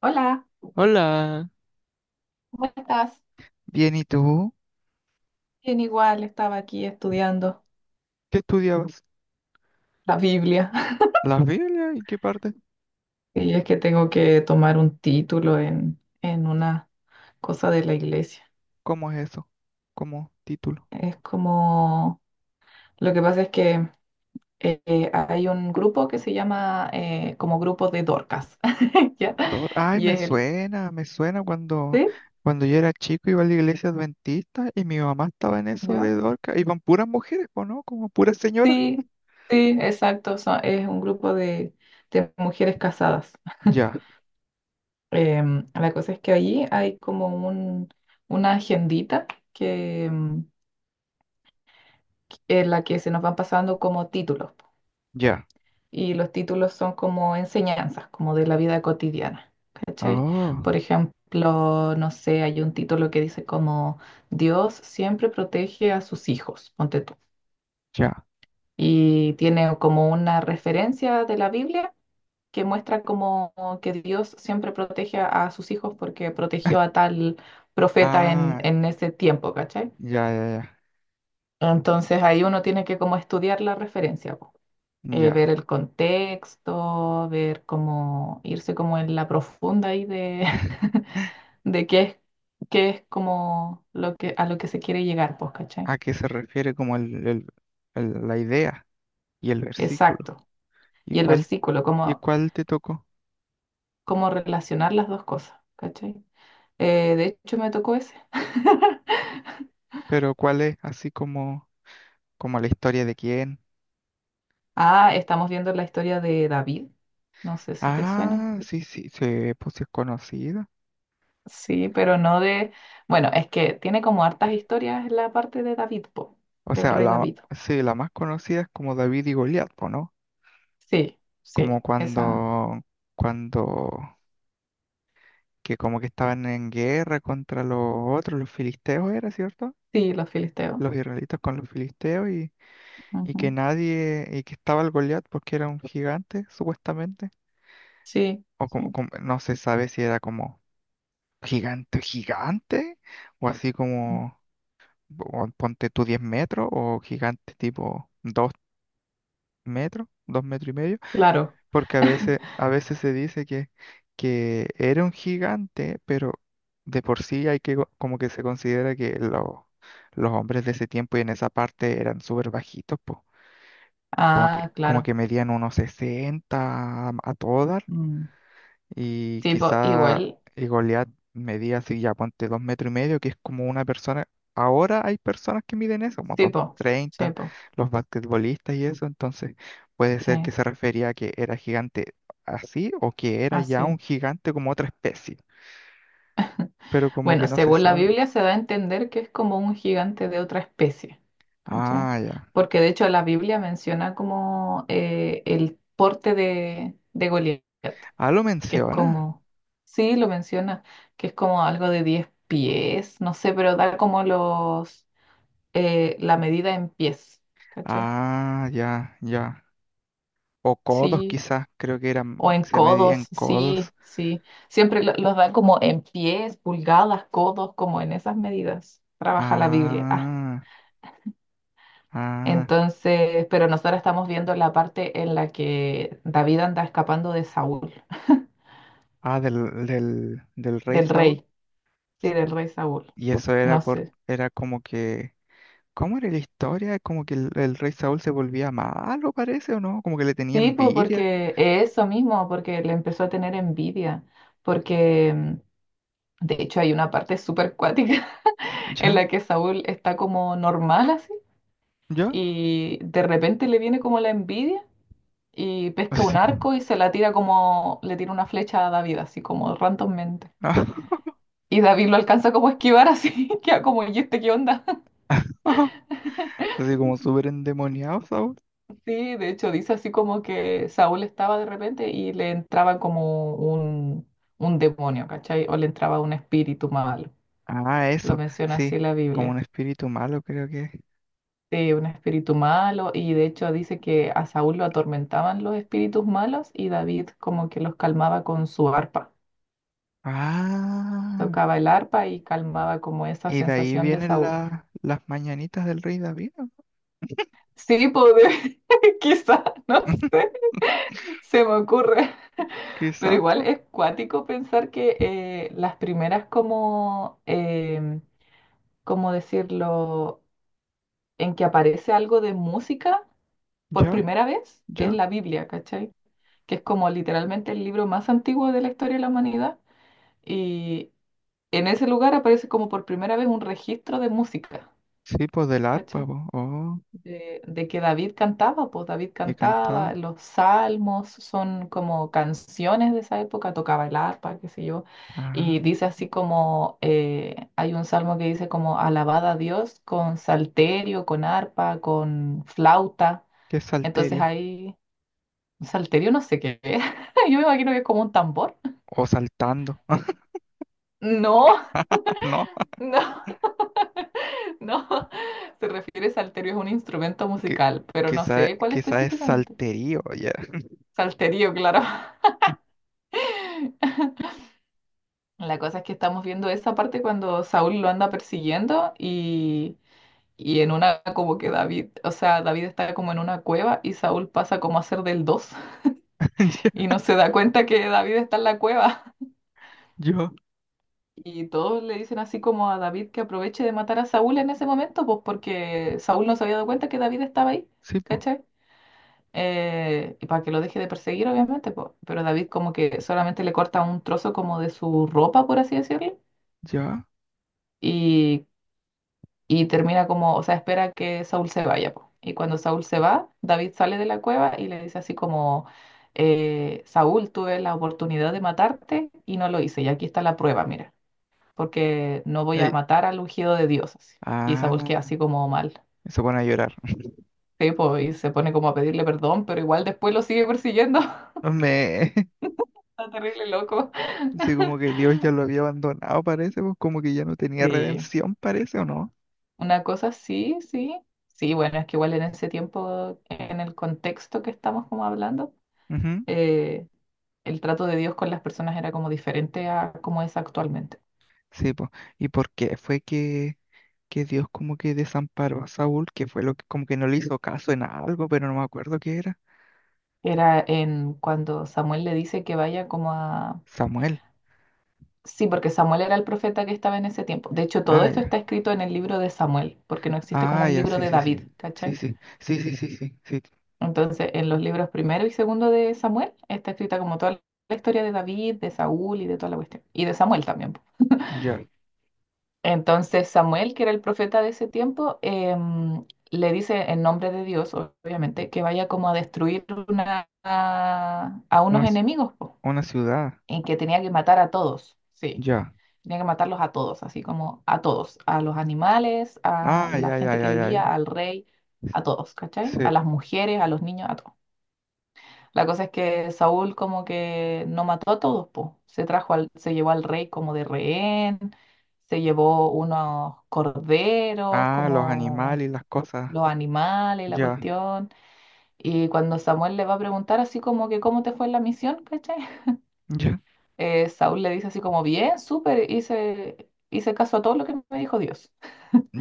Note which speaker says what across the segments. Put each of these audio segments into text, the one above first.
Speaker 1: Hola,
Speaker 2: Hola,
Speaker 1: ¿cómo estás?
Speaker 2: bien, ¿y tú?
Speaker 1: Bien, igual estaba aquí estudiando
Speaker 2: ¿Qué estudiabas?
Speaker 1: la Biblia.
Speaker 2: ¿La Biblia? ¿Y qué parte?
Speaker 1: Y es que tengo que tomar un título en una cosa de la iglesia.
Speaker 2: ¿Cómo es eso? ¿Cómo título?
Speaker 1: Es como, lo que pasa es que hay un grupo que se llama como grupo de Dorcas. ¿Ya?
Speaker 2: Ay,
Speaker 1: Y
Speaker 2: me
Speaker 1: es el,
Speaker 2: suena, me suena cuando,
Speaker 1: ¿sí?
Speaker 2: cuando yo era chico iba a la iglesia adventista y mi mamá estaba en eso de
Speaker 1: ¿Ya?
Speaker 2: Dorca. Iban puras mujeres, po, ¿no? Como puras señoras.
Speaker 1: Sí, sí, exacto. Es un grupo de mujeres casadas.
Speaker 2: Ya,
Speaker 1: La cosa es que allí hay como un, una agendita que, en la que se nos van pasando como títulos, po.
Speaker 2: ya.
Speaker 1: Y los títulos son como enseñanzas, como de la vida cotidiana. ¿Cachai?
Speaker 2: Oh,
Speaker 1: Por ejemplo, no sé, hay un título que dice como Dios siempre protege a sus hijos, ponte tú.
Speaker 2: ya.
Speaker 1: Y tiene como una referencia de la Biblia que muestra como que Dios siempre protege a sus hijos porque protegió a tal profeta en,
Speaker 2: Ah,
Speaker 1: en ese tiempo, ¿cachai?
Speaker 2: ya, ya,
Speaker 1: Entonces ahí uno tiene que como estudiar la referencia, po.
Speaker 2: ya.
Speaker 1: Ver
Speaker 2: Ya.
Speaker 1: el contexto, ver cómo irse como en la profunda ahí de, de qué es como lo que, a lo que se quiere llegar, pues, ¿cachai?
Speaker 2: ¿A qué se refiere como la idea y el versículo?
Speaker 1: Exacto.
Speaker 2: ¿Y
Speaker 1: Y el
Speaker 2: cuál,
Speaker 1: versículo,
Speaker 2: y
Speaker 1: cómo,
Speaker 2: cuál te tocó?
Speaker 1: cómo relacionar las dos cosas, ¿cachai? De hecho me tocó ese.
Speaker 2: Pero ¿cuál es así como... Como la historia de quién.
Speaker 1: Ah, estamos viendo la historia de David. No sé si te suena.
Speaker 2: Ah, sí, sí, sí, pues sí es conocida.
Speaker 1: Sí, pero no de... Bueno, es que tiene como hartas historias la parte de David, po,
Speaker 2: O
Speaker 1: del
Speaker 2: sea,
Speaker 1: rey
Speaker 2: la,
Speaker 1: David.
Speaker 2: sí, la más conocida es como David y Goliat, po, ¿no?
Speaker 1: Sí,
Speaker 2: Como
Speaker 1: sí, esa.
Speaker 2: cuando, que como que estaban en guerra contra los otros, los filisteos era, ¿cierto?
Speaker 1: Sí, los filisteos.
Speaker 2: Los israelitas con los filisteos y que
Speaker 1: Ujú.
Speaker 2: nadie, y que estaba el Goliat porque era un gigante, supuestamente.
Speaker 1: Sí,
Speaker 2: O
Speaker 1: sí.
Speaker 2: no se sabe si era como gigante, gigante, o así
Speaker 1: Mm.
Speaker 2: como... o ponte tú 10 metros o gigante tipo 2 metros, 2 metros y medio,
Speaker 1: Claro.
Speaker 2: porque a veces, a veces se dice que era un gigante, pero de por sí como que se considera que los hombres de ese tiempo y en esa parte eran súper bajitos, po. Como que,
Speaker 1: Ah,
Speaker 2: como que
Speaker 1: claro.
Speaker 2: medían unos 60 a todas.
Speaker 1: Mm.
Speaker 2: Y
Speaker 1: Sí, po,
Speaker 2: quizá
Speaker 1: igual.
Speaker 2: Goliat medía así, ya ponte 2 metros y medio, que es como una persona. Ahora hay personas que miden eso, como
Speaker 1: Sí,
Speaker 2: dos
Speaker 1: po. Sí,
Speaker 2: treinta,
Speaker 1: po.
Speaker 2: los basquetbolistas y eso. Entonces, puede
Speaker 1: Sí,
Speaker 2: ser que se refería a que era gigante así o que era ya
Speaker 1: así.
Speaker 2: un gigante como otra especie. Pero como
Speaker 1: Bueno,
Speaker 2: que no se
Speaker 1: según la
Speaker 2: sabe.
Speaker 1: Biblia se da a entender que es como un gigante de otra especie, ¿cachai?
Speaker 2: Ah, ya.
Speaker 1: Porque de hecho la Biblia menciona como el porte de Goliat,
Speaker 2: Ah, lo
Speaker 1: que es
Speaker 2: menciona.
Speaker 1: como, sí, lo menciona, que es como algo de 10 pies, no sé, pero da como los, la medida en pies, ¿cachai?
Speaker 2: Ah, ya, ya. O codos
Speaker 1: Sí,
Speaker 2: quizás, creo que eran,
Speaker 1: o en
Speaker 2: se medían
Speaker 1: codos,
Speaker 2: codos.
Speaker 1: sí, sí. Siempre los dan como en pies, pulgadas, codos, como en esas medidas. Trabaja la Biblia. Ah,
Speaker 2: Ah, ah.
Speaker 1: entonces, pero nosotros estamos viendo la parte en la que David anda escapando de Saúl,
Speaker 2: Ah, del Rey
Speaker 1: del
Speaker 2: Saúl.
Speaker 1: rey, sí, del rey Saúl.
Speaker 2: Y eso era
Speaker 1: No
Speaker 2: por,
Speaker 1: sé.
Speaker 2: era como que, ¿cómo era la historia? Como que el rey Saúl se volvía malo, parece, o no, como que le tenía
Speaker 1: Sí, pues
Speaker 2: envidia,
Speaker 1: porque eso mismo, porque le empezó a tener envidia, porque de hecho hay una parte súper cuática en
Speaker 2: ¿ya?
Speaker 1: la que Saúl está como normal así
Speaker 2: ¿Ya?
Speaker 1: y de repente le viene como la envidia y pesca un
Speaker 2: Así como,
Speaker 1: arco y se la tira como, le tira una flecha a David, así como randommente. Y David lo alcanza como a esquivar así, queda como, ¿y este qué onda?
Speaker 2: así como súper endemoniado Saúl.
Speaker 1: Sí, de hecho dice así como que Saúl estaba de repente y le entraba como un demonio, ¿cachai? O le entraba un espíritu malo.
Speaker 2: Ah,
Speaker 1: Lo
Speaker 2: eso,
Speaker 1: menciona así
Speaker 2: sí,
Speaker 1: la
Speaker 2: como un
Speaker 1: Biblia.
Speaker 2: espíritu malo, creo que es.
Speaker 1: Sí, un espíritu malo y de hecho dice que a Saúl lo atormentaban los espíritus malos y David como que los calmaba con su arpa.
Speaker 2: Ah,
Speaker 1: Tocaba el arpa y calmaba como esa
Speaker 2: y de ahí
Speaker 1: sensación de
Speaker 2: vienen
Speaker 1: Saúl.
Speaker 2: las mañanitas del rey David, ¿no?
Speaker 1: Sí, poder, quizá, no sé, se me ocurre. Pero
Speaker 2: Quizás,
Speaker 1: igual
Speaker 2: pues,
Speaker 1: es cuático pensar que las primeras como, ¿cómo decirlo?, en que aparece algo de música por
Speaker 2: ya,
Speaker 1: primera vez es
Speaker 2: ya.
Speaker 1: la Biblia, ¿cachai? Que es como literalmente el libro más antiguo de la historia de la humanidad y en ese lugar aparece como por primera vez un registro de música,
Speaker 2: Sí, pues del arpa,
Speaker 1: ¿cachai?
Speaker 2: pues,
Speaker 1: De que David cantaba, pues David
Speaker 2: que
Speaker 1: cantaba,
Speaker 2: cantaba.
Speaker 1: los salmos son como canciones de esa época, tocaba el arpa, qué sé yo, y
Speaker 2: Ah,
Speaker 1: dice así como, hay un salmo que dice como alabad a Dios con salterio, con arpa, con flauta,
Speaker 2: qué
Speaker 1: entonces
Speaker 2: salterio.
Speaker 1: ahí, salterio no sé qué es, yo me imagino que es como un tambor.
Speaker 2: O saltando.
Speaker 1: No,
Speaker 2: No,
Speaker 1: no, no, se refiere salterio, es un instrumento
Speaker 2: que,
Speaker 1: musical, pero no
Speaker 2: quizá,
Speaker 1: sé cuál
Speaker 2: quizá es
Speaker 1: específicamente.
Speaker 2: salterío, ya.
Speaker 1: Salterio, claro. La cosa es que estamos viendo esa parte cuando Saúl lo anda persiguiendo y en una como que David, o sea, David está como en una cueva y Saúl pasa como a ser del 2
Speaker 2: Ya,
Speaker 1: y no se da cuenta que David está en la cueva.
Speaker 2: yo,
Speaker 1: Y todos le dicen así como a David que aproveche de matar a Saúl en ese momento, pues porque Saúl no se había dado cuenta que David estaba ahí,
Speaker 2: sí, po,
Speaker 1: ¿cachai? Y para que lo deje de perseguir, obviamente, pues. Pero David como que solamente le corta un trozo como de su ropa, por así decirlo.
Speaker 2: ya.
Speaker 1: Y Y termina como, o sea, espera que Saúl se vaya, po. Y cuando Saúl se va, David sale de la cueva y le dice así como, Saúl, tuve la oportunidad de matarte y no lo hice. Y aquí está la prueba, mira, porque no voy a
Speaker 2: Ey,
Speaker 1: matar al ungido de Dios, así. Y Saúl queda
Speaker 2: ah,
Speaker 1: así como mal.
Speaker 2: se pone a llorar.
Speaker 1: Sí, po, y se pone como a pedirle perdón, pero igual después lo sigue persiguiendo.
Speaker 2: Me,
Speaker 1: Está terrible loco.
Speaker 2: sí, como que Dios ya lo había abandonado, parece, pues como que ya no tenía
Speaker 1: Sí,
Speaker 2: redención, parece, ¿o no?
Speaker 1: una cosa sí, sí. Sí, bueno, es que igual en ese tiempo, en el contexto que estamos como hablando,
Speaker 2: Ujú,
Speaker 1: eh, el trato de Dios con las personas era como diferente a como es actualmente.
Speaker 2: sí, pues. ¿Y por qué fue que Dios como que desamparó a Saúl? Que fue lo que como que no le hizo caso en algo, pero no me acuerdo qué era.
Speaker 1: Era en cuando Samuel le dice que vaya como a...
Speaker 2: Samuel.
Speaker 1: Sí, porque Samuel era el profeta que estaba en ese tiempo. De hecho, todo
Speaker 2: Ah,
Speaker 1: esto
Speaker 2: ya.
Speaker 1: está escrito en el libro de Samuel, porque no existe como
Speaker 2: Ah,
Speaker 1: un
Speaker 2: ya,
Speaker 1: libro
Speaker 2: sí,
Speaker 1: de
Speaker 2: sí,
Speaker 1: David,
Speaker 2: sí. Sí,
Speaker 1: ¿cachai?
Speaker 2: sí, sí, sí, sí, sí, sí.
Speaker 1: Entonces, en los libros primero y segundo de Samuel está escrita como toda la historia de David, de Saúl y de toda la cuestión. Y de Samuel también.
Speaker 2: Ya.
Speaker 1: Entonces Samuel, que era el profeta de ese tiempo, le dice en nombre de Dios, obviamente, que vaya como a destruir a
Speaker 2: Una,
Speaker 1: unos
Speaker 2: ci-
Speaker 1: enemigos, po,
Speaker 2: una ciudad.
Speaker 1: en que tenía que matar a todos, sí,
Speaker 2: Ya.
Speaker 1: tenía que matarlos a todos, así como a todos, a los animales,
Speaker 2: Ah,
Speaker 1: a la
Speaker 2: ya, ya,
Speaker 1: gente que
Speaker 2: ya, ya,
Speaker 1: vivía,
Speaker 2: ya.
Speaker 1: al rey, a todos, ¿cachai? A
Speaker 2: Sí.
Speaker 1: las mujeres, a los niños, a todos. La cosa es que Saúl como que no mató a todos, po. Se trajo al, se llevó al rey como de rehén, se llevó unos corderos,
Speaker 2: Ah, los
Speaker 1: como
Speaker 2: animales y las cosas.
Speaker 1: los animales, la
Speaker 2: Ya,
Speaker 1: cuestión. Y cuando Samuel le va a preguntar así como que cómo te fue en la misión, ¿cachai?
Speaker 2: ya,
Speaker 1: Saúl le dice así como, bien, súper, hice caso a todo lo que me dijo Dios.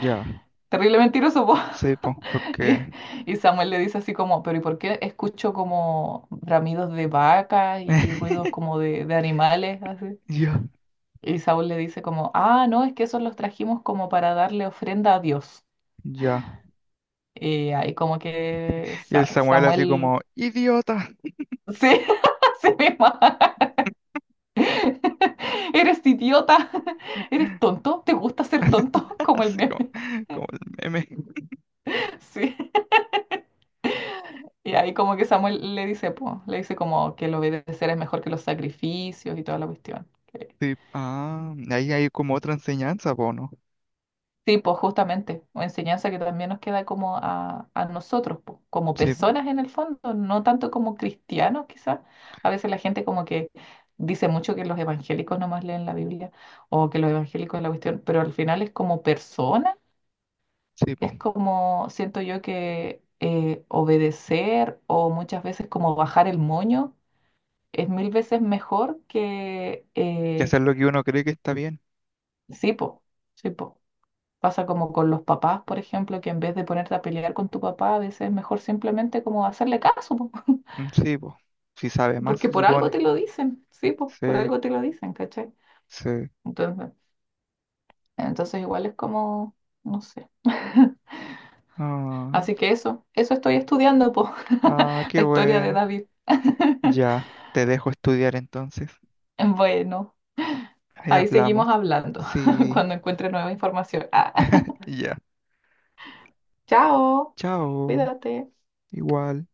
Speaker 2: ya.
Speaker 1: Terrible mentiroso, po.
Speaker 2: Sí, pues,
Speaker 1: Y,
Speaker 2: porque.
Speaker 1: y Samuel le dice así como, pero ¿y por qué escucho como bramidos de vaca y ruidos como de animales? Así.
Speaker 2: Ya,
Speaker 1: Y Saúl le dice como, ah, no, es que esos los trajimos como para darle ofrenda a Dios.
Speaker 2: ya.
Speaker 1: Y ahí como que
Speaker 2: Y el Samuel así
Speaker 1: Samuel,
Speaker 2: como, idiota.
Speaker 1: sí, sí mismo. Eres idiota, eres tonto, ¿te gusta ser tonto? Como el
Speaker 2: Así como,
Speaker 1: meme,
Speaker 2: como el meme.
Speaker 1: sí. Y ahí como que Samuel le dice, po, le dice como que el obedecer es mejor que los sacrificios y toda la cuestión.
Speaker 2: Sí. Ah, ahí hay como otra enseñanza, po, ¿no?
Speaker 1: Sí, pues justamente, o enseñanza que también nos queda como a nosotros, po, como
Speaker 2: Sí, po.
Speaker 1: personas en el fondo, no tanto como cristianos quizás. A veces la gente como que dice mucho que los evangélicos nomás leen la Biblia o que los evangélicos es la cuestión, pero al final es como persona,
Speaker 2: Sí, po.
Speaker 1: es como siento yo que obedecer o muchas veces como bajar el moño es mil veces mejor que,
Speaker 2: Que hacer lo que uno cree que está bien.
Speaker 1: sí, pues sí, pues. Pasa como con los papás, por ejemplo, que en vez de ponerte a pelear con tu papá, a veces es mejor simplemente como hacerle caso, po,
Speaker 2: Mm, sí, po. Si sabe más,
Speaker 1: porque
Speaker 2: se
Speaker 1: por algo
Speaker 2: supone.
Speaker 1: te lo dicen, sí, pues
Speaker 2: Sí,
Speaker 1: por algo te lo dicen, ¿cachai?
Speaker 2: sí.
Speaker 1: Entonces, entonces igual es como, no sé.
Speaker 2: Ah,
Speaker 1: Así que eso estoy estudiando, po,
Speaker 2: ah, qué
Speaker 1: la historia de
Speaker 2: bueno.
Speaker 1: David.
Speaker 2: Ya, te dejo estudiar entonces.
Speaker 1: Bueno,
Speaker 2: Ahí
Speaker 1: ahí
Speaker 2: hablamos.
Speaker 1: seguimos hablando
Speaker 2: Sí,
Speaker 1: cuando encuentre nueva información. Ah,
Speaker 2: ya.
Speaker 1: chao,
Speaker 2: Chao.
Speaker 1: cuídate.
Speaker 2: Igual.